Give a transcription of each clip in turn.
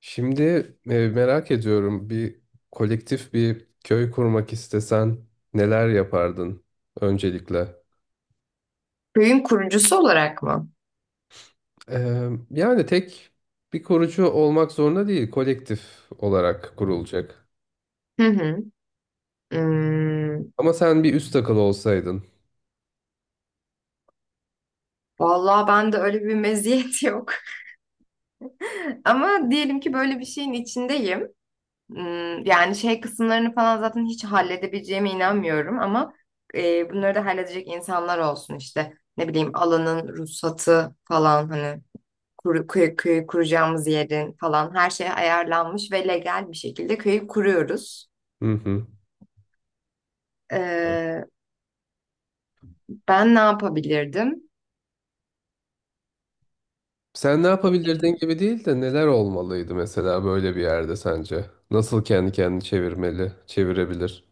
Şimdi merak ediyorum bir kolektif bir köy kurmak istesen neler yapardın öncelikle? Köyün kurucusu olarak mı? Yani tek bir kurucu olmak zorunda değil, kolektif olarak kurulacak. Hı hı. Hmm, Ama sen bir üst akıl olsaydın. vallahi ben de öyle bir meziyet yok. Ama diyelim ki böyle bir şeyin içindeyim. Yani şey kısımlarını falan zaten hiç halledebileceğime inanmıyorum ama bunları da halledecek insanlar olsun işte. Ne bileyim alanın ruhsatı falan hani köyü kuracağımız yerin falan her şey ayarlanmış ve legal bir şekilde köyü kuruyoruz. Hı hı. Ee, ben ne yapabilirdim? Sen ne yapabilirdin gibi değil de neler olmalıydı mesela böyle bir yerde sence? Nasıl kendi kendini çevirmeli, çevirebilir?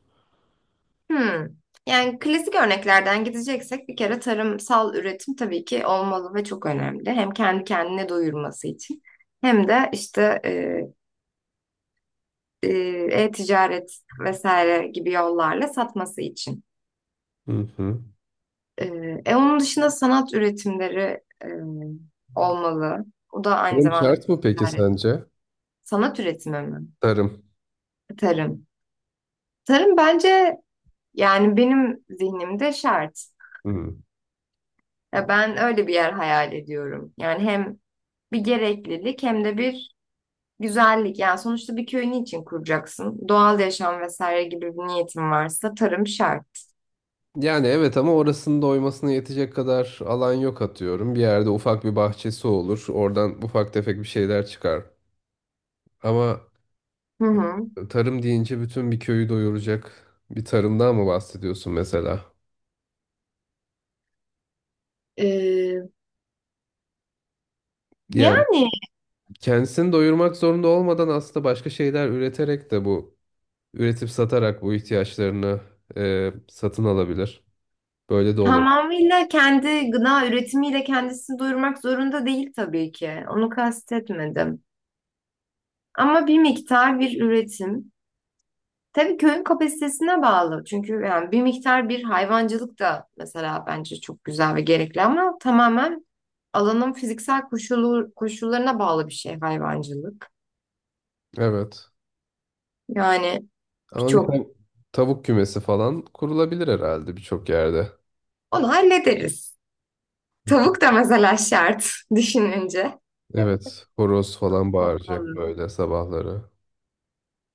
Hmm. Yani klasik örneklerden gideceksek bir kere tarımsal üretim tabii ki olmalı ve çok önemli. Hem kendi kendine doyurması için hem de işte e, e-ticaret vesaire gibi yollarla satması için. Hı hı. E, onun dışında sanat üretimleri olmalı. O da aynı Tarım zamanda bir şart mı peki ticaret. sence? Sanat üretimi mi? Tarım. Tarım. Tarım bence yani benim zihnimde şart. Hı. Ya ben öyle bir yer hayal ediyorum. Yani hem bir gereklilik hem de bir güzellik. Yani sonuçta bir köyün için kuracaksın? Doğal yaşam vesaire gibi bir niyetin varsa tarım şart. Yani evet ama orasının da oymasına yetecek kadar alan yok atıyorum. Bir yerde ufak bir bahçesi olur. Oradan ufak tefek bir şeyler çıkar. Ama Hı hı. tarım deyince bütün bir köyü doyuracak bir tarımdan mı bahsediyorsun mesela? Ee, Yani yani kendisini doyurmak zorunda olmadan aslında başka şeyler üreterek de bu üretip satarak bu ihtiyaçlarını satın alabilir. Böyle de olabilir. tamamıyla kendi gıda üretimiyle kendisini doyurmak zorunda değil tabii ki. Onu kastetmedim. Ama bir miktar bir üretim. Tabii köyün kapasitesine bağlı. Çünkü yani bir miktar bir hayvancılık da mesela bence çok güzel ve gerekli ama tamamen alanın fiziksel koşullarına bağlı bir şey hayvancılık. Evet. Yani Ama birçok tavuk kümesi falan kurulabilir herhalde birçok yerde. onu hallederiz. Tavuk da mesela şart düşününce. Evet, horoz falan bağıracak Olmalı. böyle sabahları.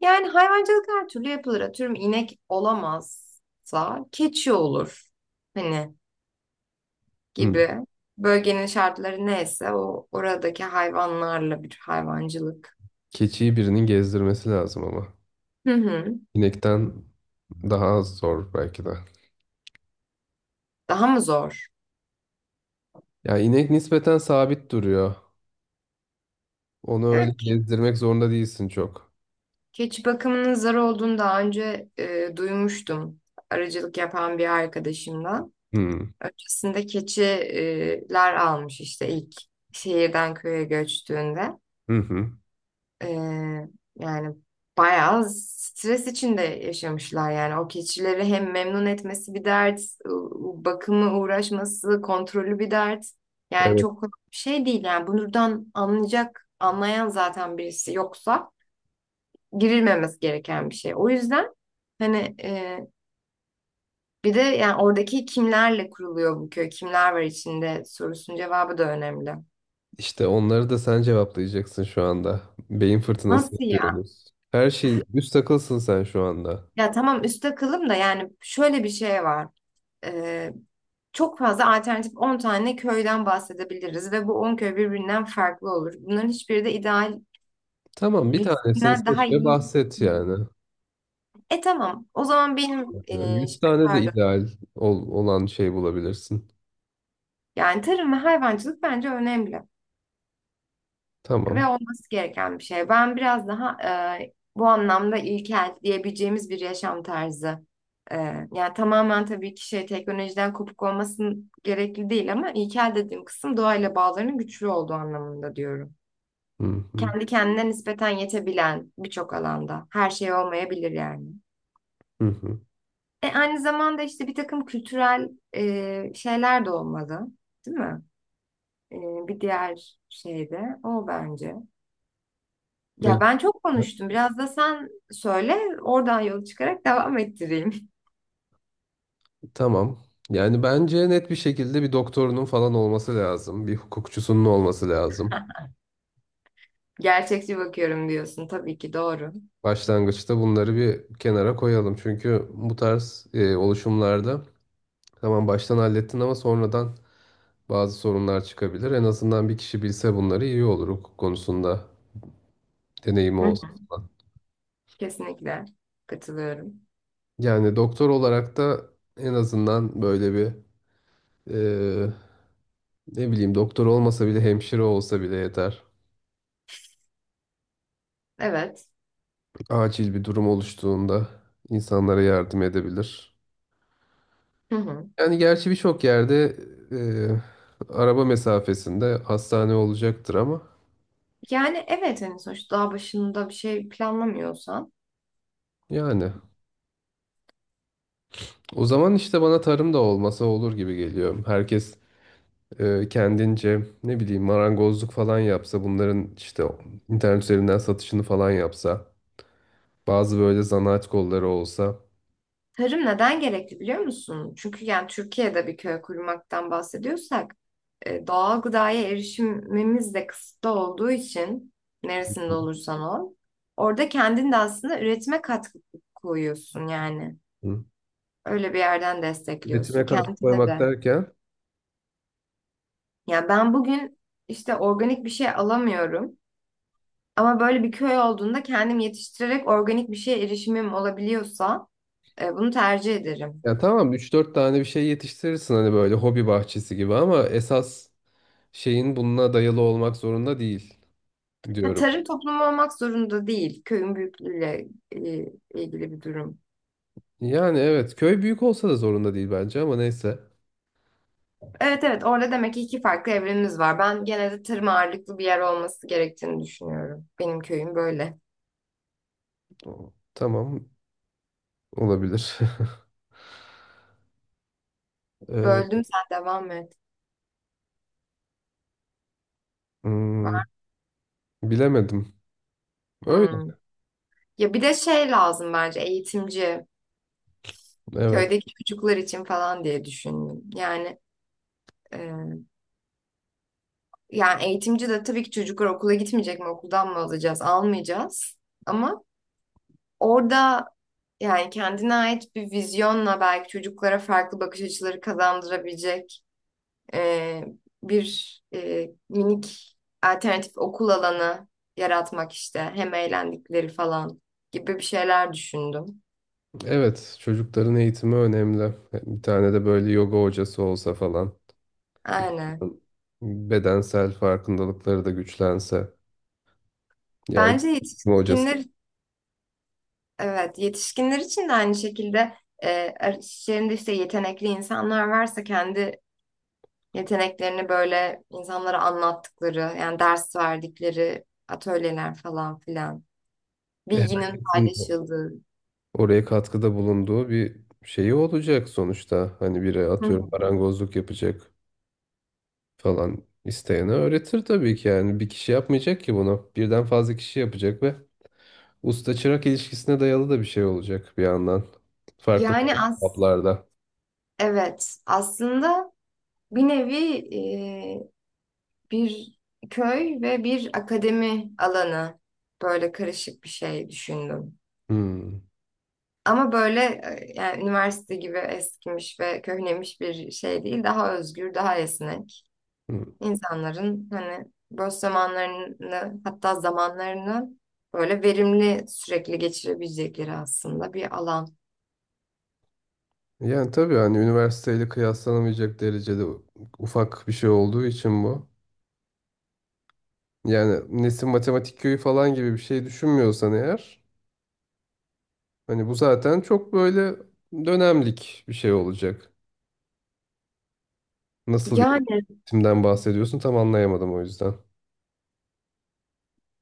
Yani hayvancılık her türlü yapılır. Atıyorum inek olamazsa keçi olur. Hani Hı. gibi. Bölgenin şartları neyse o oradaki hayvanlarla bir hayvancılık. Keçiyi birinin gezdirmesi lazım ama. Hı hı. İnekten daha az zor belki de. Daha mı zor? Ya inek nispeten sabit duruyor. Onu öyle Evet. gezdirmek zorunda değilsin çok. Keçi bakımının zor olduğunu daha önce duymuştum. Aracılık yapan bir arkadaşımdan. Hı. Öncesinde keçiler almış işte ilk şehirden köye göçtüğünde. Hı hı. E, yani bayağı stres içinde yaşamışlar yani. O keçileri hem memnun etmesi bir dert, bakımı uğraşması, kontrolü bir dert. Yani Evet, çok kolay bir şey değil yani. Anlayan zaten birisi yoksa girilmemesi gereken bir şey. O yüzden hani e, bir de yani oradaki kimlerle kuruluyor bu köy, kimler var içinde sorusunun cevabı da önemli. işte onları da sen cevaplayacaksın şu anda. Beyin fırtınası Nasıl ya? yapıyoruz. Her şey üst takılsın sen şu anda. Ya tamam üstte kılım da yani şöyle bir şey var. E, çok fazla alternatif 10 tane köyden bahsedebiliriz ve bu 10 köy birbirinden farklı olur. Bunların hiçbiri de ideal Tamam, bir tanesini birisinden seç daha ve iyi. bahset yani. E tamam o zaman Yani e, yüz tane de pardon, ideal olan şey bulabilirsin. yani tarım ve hayvancılık bence önemli Tamam. ve olması gereken bir şey. Ben biraz daha bu anlamda ilkel diyebileceğimiz bir yaşam tarzı. E, yani tamamen tabii ki şey teknolojiden kopuk olmasın gerekli değil ama ilkel dediğim kısım doğayla bağlarının güçlü olduğu anlamında diyorum. Hı hı, Kendi kendine nispeten yetebilen birçok alanda her şey olmayabilir yani. hı hı. Aynı zamanda işte bir takım kültürel şeyler de olmalı, değil mi? E, bir diğer şey de o bence. Ya Ne- ben çok konuştum. Biraz da sen söyle, oradan yola çıkarak devam ettireyim. Tamam. Yani bence net bir şekilde bir doktorunun falan olması lazım. Bir hukukçusunun olması lazım. Gerçekçi bakıyorum diyorsun. Tabii ki doğru. Başlangıçta bunları bir kenara koyalım. Çünkü bu tarz oluşumlarda tamam baştan hallettin ama sonradan bazı sorunlar çıkabilir. En azından bir kişi bilse bunları iyi olur hukuk konusunda deneyimi Hı olsa hı. falan. Kesinlikle katılıyorum. Yani doktor olarak da en azından böyle bir e, ne bileyim doktor olmasa bile hemşire olsa bile yeter. Evet. Acil bir durum oluştuğunda insanlara yardım edebilir. Hı hı. Yani gerçi birçok yerde araba mesafesinde hastane olacaktır ama Yani evet hani sonuçta daha başında bir şey planlamıyorsan. yani o zaman işte bana tarım da olmasa olur gibi geliyor. Herkes kendince ne bileyim marangozluk falan yapsa bunların işte internet üzerinden satışını falan yapsa bazı böyle zanaat kolları olsa. Tarım neden gerekli biliyor musun? Çünkü yani Türkiye'de bir köy kurmaktan bahsediyorsak doğal gıdaya erişimimiz de kısıtlı olduğu için neresinde olursan ol. Orada kendin de aslında üretime katkı koyuyorsun yani. Hı. Öyle bir yerden Üretime destekliyorsun katkı kendine koymak de. derken. Yani ben bugün işte organik bir şey alamıyorum ama böyle bir köy olduğunda kendim yetiştirerek organik bir şeye erişimim olabiliyorsa bunu tercih ederim. Ya tamam üç dört tane bir şey yetiştirirsin hani böyle hobi bahçesi gibi ama esas şeyin bununla dayalı olmak zorunda değil Ha, diyorum. tarım toplumu olmak zorunda değil. Köyün büyüklüğüyle e, ilgili bir durum. Yani evet köy büyük olsa da zorunda değil bence ama neyse. Evet, evet, orada demek ki iki farklı evrenimiz var. Ben genelde tarım ağırlıklı bir yer olması gerektiğini düşünüyorum. Benim köyüm böyle. O- Tamam olabilir. Ee, Böldüm, sen devam et. hmm, bilemedim. Öyle. Hmm. Ya bir de şey lazım bence: eğitimci. Evet. Köydeki çocuklar için falan diye düşündüm. E, yani eğitimci de tabii ki çocuklar okula gitmeyecek mi? Okuldan mı alacağız? Almayacağız. Ama orada yani kendine ait bir vizyonla belki çocuklara farklı bakış açıları kazandırabilecek e, minik alternatif okul alanı yaratmak işte. Hem eğlendikleri falan gibi bir şeyler düşündüm. Evet çocukların eğitimi önemli. Bir tane de böyle yoga hocası olsa falan. Aynen. Bedensel farkındalıkları da güçlense. Yani Bence hocası. yetişkinler, evet, yetişkinler için de aynı şekilde işlerinde işte yetenekli insanlar varsa kendi yeteneklerini böyle insanlara anlattıkları, yani ders verdikleri atölyeler falan filan, bilginin paylaşıldığı. Oraya katkıda bulunduğu bir şeyi olacak sonuçta. Hani biri Hı hı. atıyorum marangozluk yapacak falan isteyene öğretir tabii ki yani bir kişi yapmayacak ki bunu. Birden fazla kişi yapacak ve usta çırak ilişkisine dayalı da bir şey olacak bir yandan. Farklı Yani farklı as kaplarda. evet, aslında bir nevi e, bir köy ve bir akademi alanı, böyle karışık bir şey düşündüm. Hmm. Ama böyle yani üniversite gibi eskimiş ve köhnemiş bir şey değil. Daha özgür, daha esnek. Hmm. İnsanların hani boş zamanlarını hatta zamanlarını böyle verimli sürekli geçirebilecekleri aslında bir alan. Yani tabii hani üniversiteyle kıyaslanamayacak derecede ufak bir şey olduğu için bu. Yani Nesin Matematik Köyü falan gibi bir şey düşünmüyorsan eğer. Hani bu zaten çok böyle dönemlik bir şey olacak. Nasıl bir Yani eğitimden bahsediyorsun tam anlayamadım o yüzden.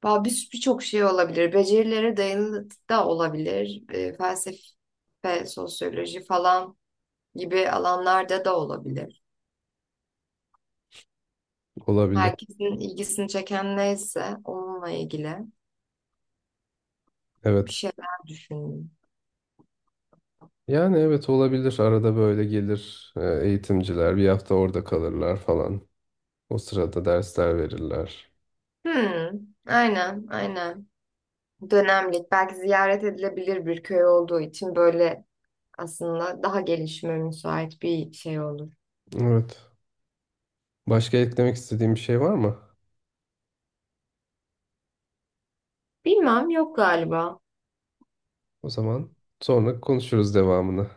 bir birçok şey olabilir. Becerilere dayalı da olabilir. E, felsefe, sosyoloji falan gibi alanlarda da olabilir. Olabilir. Herkesin ilgisini çeken neyse onunla ilgili bir Evet. şeyler düşünün. Yani evet olabilir. Arada böyle gelir eğitimciler bir hafta orada kalırlar falan. O sırada dersler verirler. Hmm, aynen, aynen. Dönemlik, belki ziyaret edilebilir bir köy olduğu için böyle aslında daha gelişime müsait bir şey olur. Evet. Başka eklemek istediğim bir şey var mı? Bilmem, yok galiba. O zaman sonra konuşuruz devamını.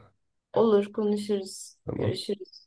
Olur, konuşuruz, Tamam. görüşürüz.